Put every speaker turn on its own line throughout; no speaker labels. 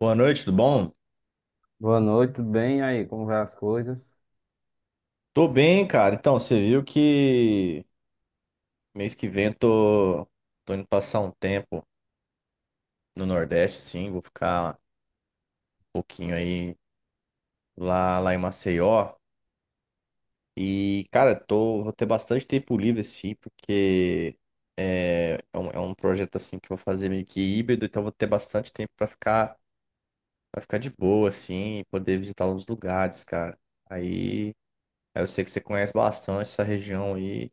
Boa noite, tudo bom?
Boa noite, tudo bem? E aí, como vai as coisas?
Tô bem, cara. Então, você viu que mês que vem tô indo passar um tempo no Nordeste, sim. Vou ficar um pouquinho aí lá em Maceió. E, cara, vou ter bastante tempo livre, assim, porque é um projeto, assim, que eu vou fazer meio que híbrido. Então, vou ter bastante tempo pra pra ficar de boa, assim, e poder visitar uns lugares, cara. Aí, aí eu sei que você conhece bastante essa região aí.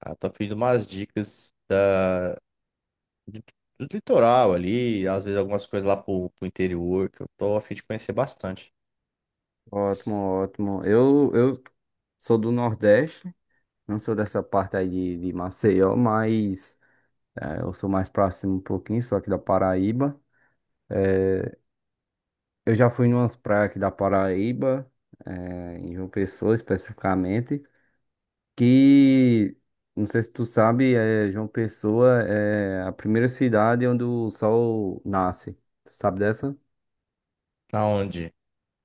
Ah, tô pedindo umas dicas do, do litoral ali, às vezes algumas coisas lá pro interior, que eu tô a fim de conhecer bastante.
Ótimo, ótimo. Eu sou do Nordeste, não sou dessa parte aí de Maceió, mas eu sou mais próximo um pouquinho, sou aqui da Paraíba. Eu já fui em umas praias aqui da Paraíba, em João Pessoa especificamente, que, não sei se tu sabe, João Pessoa é a primeira cidade onde o sol nasce. Tu sabe dessa?
Na onde?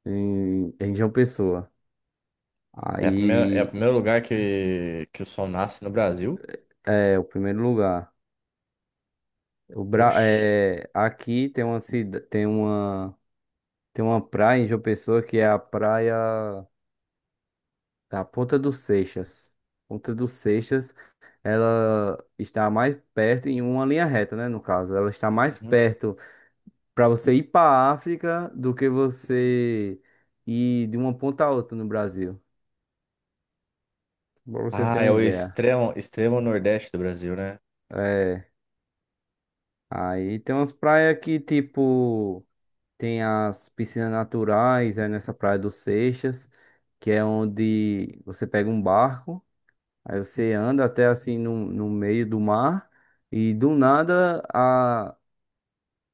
Em João Pessoa.
É a primeira, é o
Aí.
primeiro lugar que o sol nasce no Brasil.
É, o primeiro lugar.
Oxi.
Aqui tem uma cida... tem uma praia em João Pessoa que é a praia da Ponta dos Seixas. Ponta dos Seixas, ela está mais perto em uma linha reta, né, no caso. Ela está mais
Uhum.
perto para você ir para a África do que você ir de uma ponta a outra no Brasil. Para você ter
Ah,
uma
é o
ideia.
extremo, extremo nordeste do Brasil, né?
É, aí tem umas praias que tipo tem as piscinas naturais, é nessa Praia do Seixas, que é onde você pega um barco, aí você anda até assim no meio do mar, e do nada, a,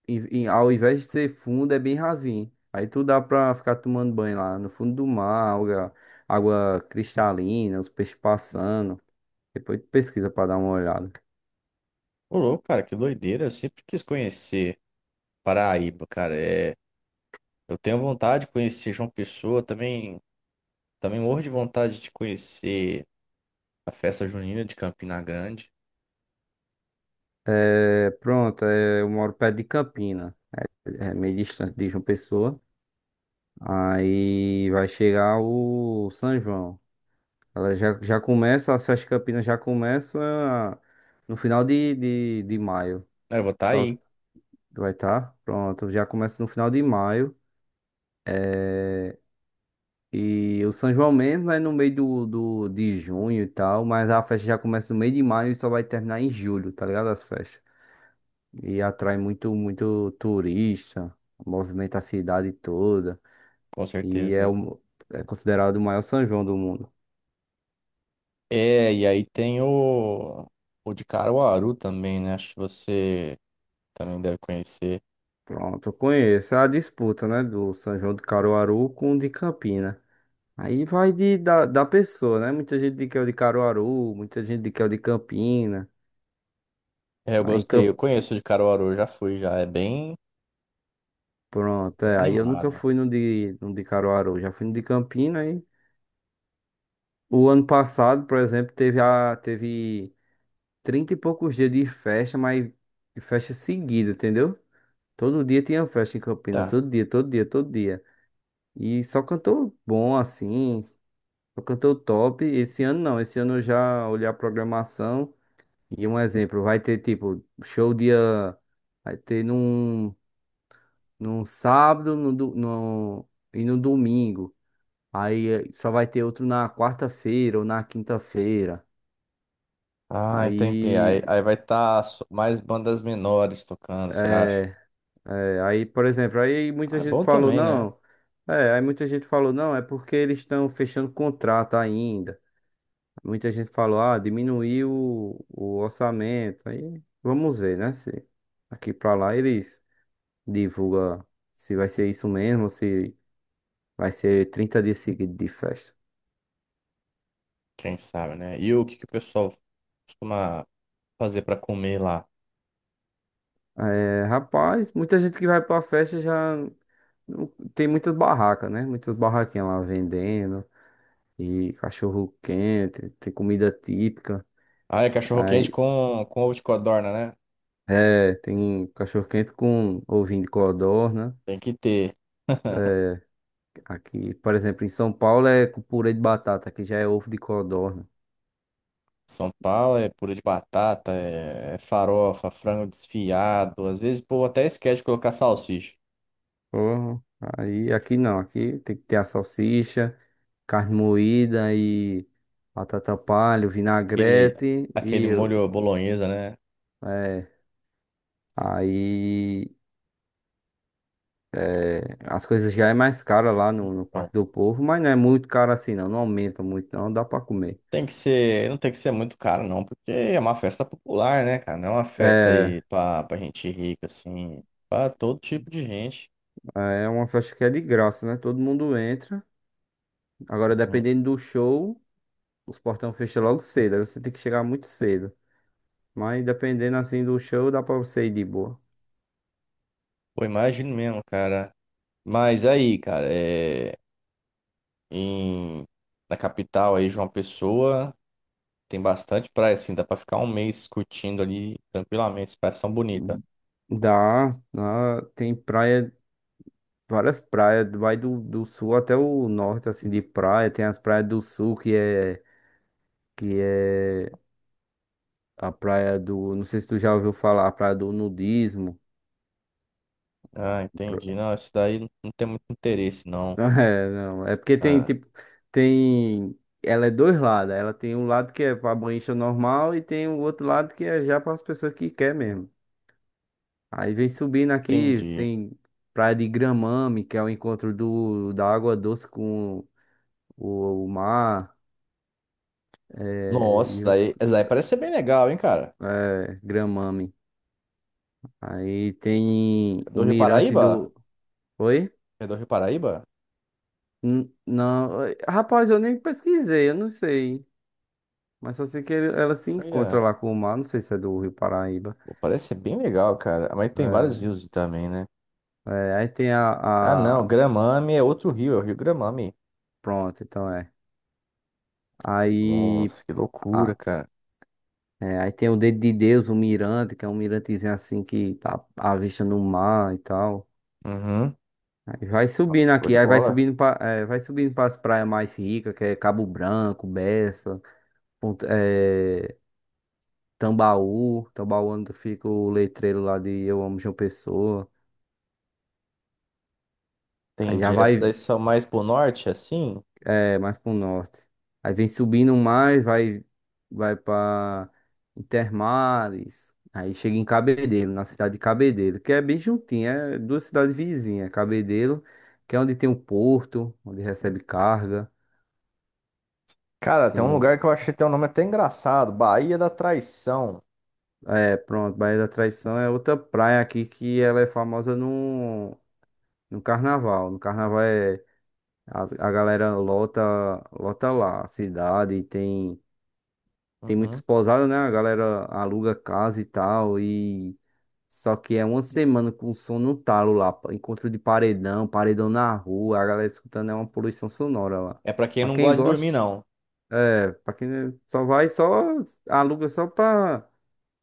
ao invés de ser fundo, é bem rasinho. Aí tu dá pra ficar tomando banho lá no fundo do mar, água cristalina, os peixes passando. Depois tu pesquisa pra dar uma olhada.
Ô, louco, cara, que doideira. Eu sempre quis conhecer Paraíba, cara. É, eu tenho vontade de conhecer João Pessoa, também, também morro de vontade de conhecer a festa junina de Campina Grande.
É, pronto, eu moro perto de Campina, é meio distante de João Pessoa. Aí vai chegar o São João. Ela já começa, as festas campinas já começa no final de maio.
É, eu vou estar
Só
aí,
vai estar, pronto, já começa no final de maio. É, e o São João mesmo é no meio de junho e tal, mas a festa já começa no meio de maio e só vai terminar em julho, tá ligado? As festas. E atrai muito, muito turista, movimenta a cidade toda.
com
E é,
certeza.
o, é considerado o maior São João do mundo.
É, e aí tem o de Caruaru também, né? Acho que você também deve conhecer.
Pronto, eu conheço. É a disputa, né? Do São João de Caruaru com o de Campina. Aí vai da pessoa, né? Muita gente diz que é o de Caruaru, muita gente diz que é o de Campina.
É, eu
Mas em
gostei,
Camp...
eu conheço o de Caruaru, já fui, já é bem,
Pronto,
bem
é. Aí eu nunca
animado.
fui no de Caruaru, já fui no de Campina. Aí o ano passado, por exemplo, teve 30 e poucos dias de festa, mas de festa seguida, entendeu? Todo dia tinha festa em Campina,
Tá.
todo dia, todo dia, todo dia. E só cantor bom assim. O cantor top, esse ano não, esse ano eu já olhei a programação e um exemplo, vai ter tipo show dia, vai ter num sábado e no domingo, aí só vai ter outro na quarta-feira ou na quinta-feira,
Ah, entendi.
aí,
Aí vai estar mais bandas menores tocando, você acha?
é, por exemplo,
Ah, é bom também, né?
aí muita gente falou não, é porque eles estão fechando contrato ainda. Muita gente falou, ah, diminuiu o orçamento. Aí vamos ver, né? Se aqui pra lá eles divulgam se vai ser isso mesmo, se vai ser 30 dias seguidos de festa.
Quem sabe, né? E o que o pessoal costuma fazer pra comer lá?
É, rapaz, muita gente que vai pra festa já não- tem muitas barracas, né? Muitas barraquinhas lá vendendo, e cachorro quente, tem comida típica.
Ah, é cachorro quente
Aí,
com ovo de codorna, né?
tem cachorro quente com ovinho de codorna.
Tem que ter.
Aqui, por exemplo, em São Paulo é com purê de batata, que já é ovo de codorna.
São Paulo é purê de batata, é farofa, frango desfiado. Às vezes, pô, até esquece de colocar salsicha.
Porra, aí aqui não, aqui tem que ter a salsicha, carne moída e batata palha,
Aquele,
vinagrete
aquele
e
molho bolonhesa, né?
é, aí é, As coisas já é mais cara lá no Parque
Então,
do Povo, mas não é muito caro assim não, não aumenta muito não, dá pra comer.
não tem que ser muito caro, não, porque é uma festa popular, né, cara? Não é uma festa
É,
aí pra gente rica, assim, pra todo tipo de gente.
é uma festa que é de graça, né? Todo mundo entra. Agora,
Uhum.
dependendo do show, os portão fecham logo cedo, aí você tem que chegar muito cedo. Mas dependendo assim do show, dá pra você ir de boa.
Pô, imagino mesmo, cara. Mas aí, cara, é, em, na capital aí, João Pessoa. Tem bastante praia, assim, dá pra ficar um mês curtindo ali tranquilamente. As praias são bonitas.
Dá, lá tem praia, várias praias, vai do sul até o norte, assim, de praia. Tem as praias do sul, que é a praia do, não sei se tu já ouviu falar, a praia do nudismo.
Ah,
Pro-
entendi. Não, isso daí não tem muito interesse, não.
É, não, é porque tem,
Ah,
tipo, tem, ela é dois lados. Ela tem um lado que é pra banhista normal e tem o outro lado que é já para as pessoas que quer mesmo. Aí vem subindo aqui,
entendi.
tem Praia de Gramame, que é o encontro do, da água doce com o mar, é,
Nossa,
e o-
isso daí parece ser bem legal, hein, cara?
Gramame. Aí tem
É
o
do Rio
Mirante
Paraíba?
do. Oi?
É do Rio Paraíba?
Não, oi, rapaz, eu nem pesquisei, eu não sei. Mas só sei que ele- ela se encontra
Olha,
lá com o mar, não sei se é do Rio Paraíba.
pô, parece ser bem legal, cara. Mas tem vários
É,
rios também, né?
aí tem
Ah,
a,
não,
a.
Gramame é outro rio, é o Rio Gramame.
Pronto, então é. Aí.
Nossa, que loucura, cara.
É, aí tem o Dedo de Deus, o Mirante, que é um mirantezinho assim que tá à vista no mar e tal.
Uhum.
Aí vai subindo
Nossa, show de
aqui, aí vai
bola.
subindo para é, vai subindo para as praias mais ricas, que é Cabo Branco, Bessa, Ponta- é, Tambaú. Tambaú é onde fica o letreiro lá de Eu Amo João Pessoa. Aí já
Entendi. Essas
vai.
daí são mais pro norte, assim?
É, mais pro norte. Aí vem subindo mais, vai pra Intermares. Aí chega em Cabedelo, na cidade de Cabedelo, que é bem juntinho, é duas cidades vizinhas. Cabedelo, que é onde tem o porto, onde recebe carga.
Cara, tem um
Tem o...
lugar que eu achei até o nome até engraçado, Baía da Traição.
É, pronto, Baía da Traição é outra praia aqui que ela é famosa no, no carnaval. A galera lota, lota lá a cidade, tem muitos
Uhum.
pousadas, né? A galera aluga casa e tal. E só que é uma semana com som no talo lá. Encontro de paredão, paredão na rua. A galera escutando é uma poluição sonora lá.
É pra quem
Pra
não
quem
gosta de
gosta,
dormir, não.
é. Pra quem só vai, só aluga só pra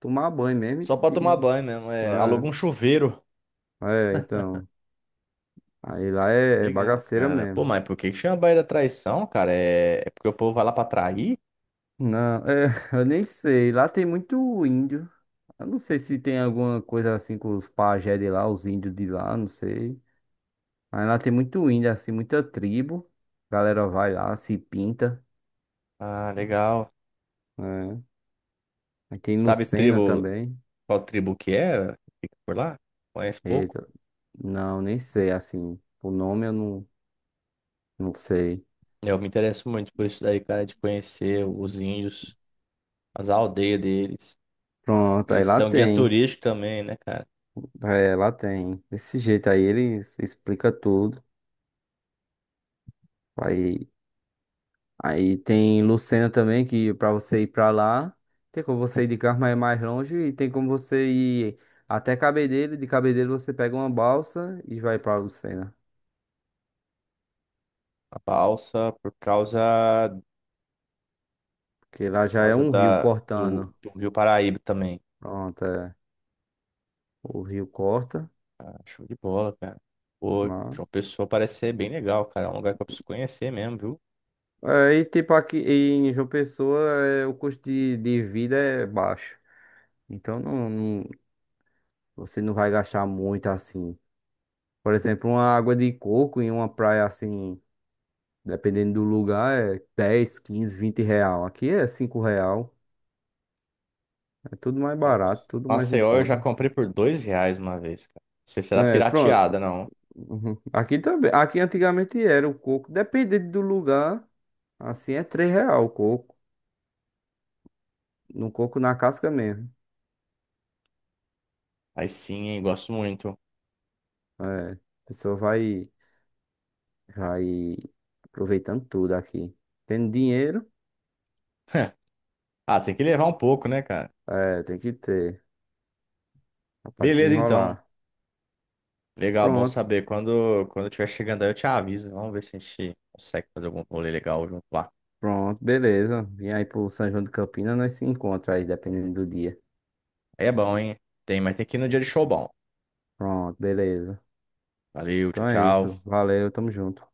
tomar banho mesmo.
Só pra tomar banho mesmo. É, aluga um chuveiro.
Então. Aí lá é
Legal,
bagaceira
cara. Pô,
mesmo.
mas por que que chama Baía da Traição, cara? É, é porque o povo vai lá pra trair?
Não, é, eu nem sei. Lá tem muito índio. Eu não sei se tem alguma coisa assim com os pajé de lá, os índios de lá, não sei. Aí lá tem muito índio, assim, muita tribo. A galera vai lá, se pinta.
Ah, legal.
É. Aqui em
Sabe
Lucena
tribo,
também.
qual tribo que é? Fica por lá? Conhece pouco?
Eita, não, nem sei, assim. O nome eu não, não sei.
Eu me interesso muito por isso daí, cara, de conhecer os índios, as aldeias deles.
Pronto, aí
Eles
lá
são guia
tem.
turístico também, né, cara?
É, lá tem. Desse jeito aí eles explica tudo. Aí, aí tem Lucena também, que pra você ir pra lá, tem como você ir de carro, mas é mais longe. E tem como você ir até Cabedelo. De Cabedelo você pega uma balsa e vai pra Lucena.
A balsa,
Que lá
por
já é
causa
um rio cortando.
do Rio Paraíba também.
Pronto, é. O rio corta
Ah, show de bola, cara. Pô,
lá.
João Pessoa parece ser bem legal, cara. É um lugar que eu preciso conhecer mesmo, viu?
É, e tipo aqui em João Pessoa, é, o custo de vida é baixo. Então não, você não vai gastar muito assim. Por exemplo, uma água de coco em uma praia assim, dependendo do lugar, é R$ 10, 15, 20. Aqui é R$ 5. É tudo mais
Nossa.
barato, tudo mais em
Maceió eu já
conta.
comprei por R$ 2 uma vez, cara. Não sei se era
É, pronto.
pirateada, não.
Uhum. Aqui também. Aqui antigamente era o coco, dependendo do lugar. Assim é R$ 3 o coco. No coco na casca mesmo.
Aí sim, hein, gosto muito.
É, a pessoa vai aproveitando tudo aqui. Tendo dinheiro,
Ah, tem que levar um pouco, né, cara?
tem que ter, dá pra
Beleza, então.
desenrolar.
Legal, bom
Pronto,
saber. Quando eu estiver chegando aí, eu te aviso. Vamos ver se a gente consegue fazer algum rolê legal junto lá.
pronto, beleza. Vem aí pro São João de Campinas, nós se encontra aí, dependendo do dia.
Aí é bom, hein? Tem, mas tem que ir no dia de show bom.
Pronto, beleza.
Valeu, tchau,
Então é isso,
tchau.
valeu, tamo junto.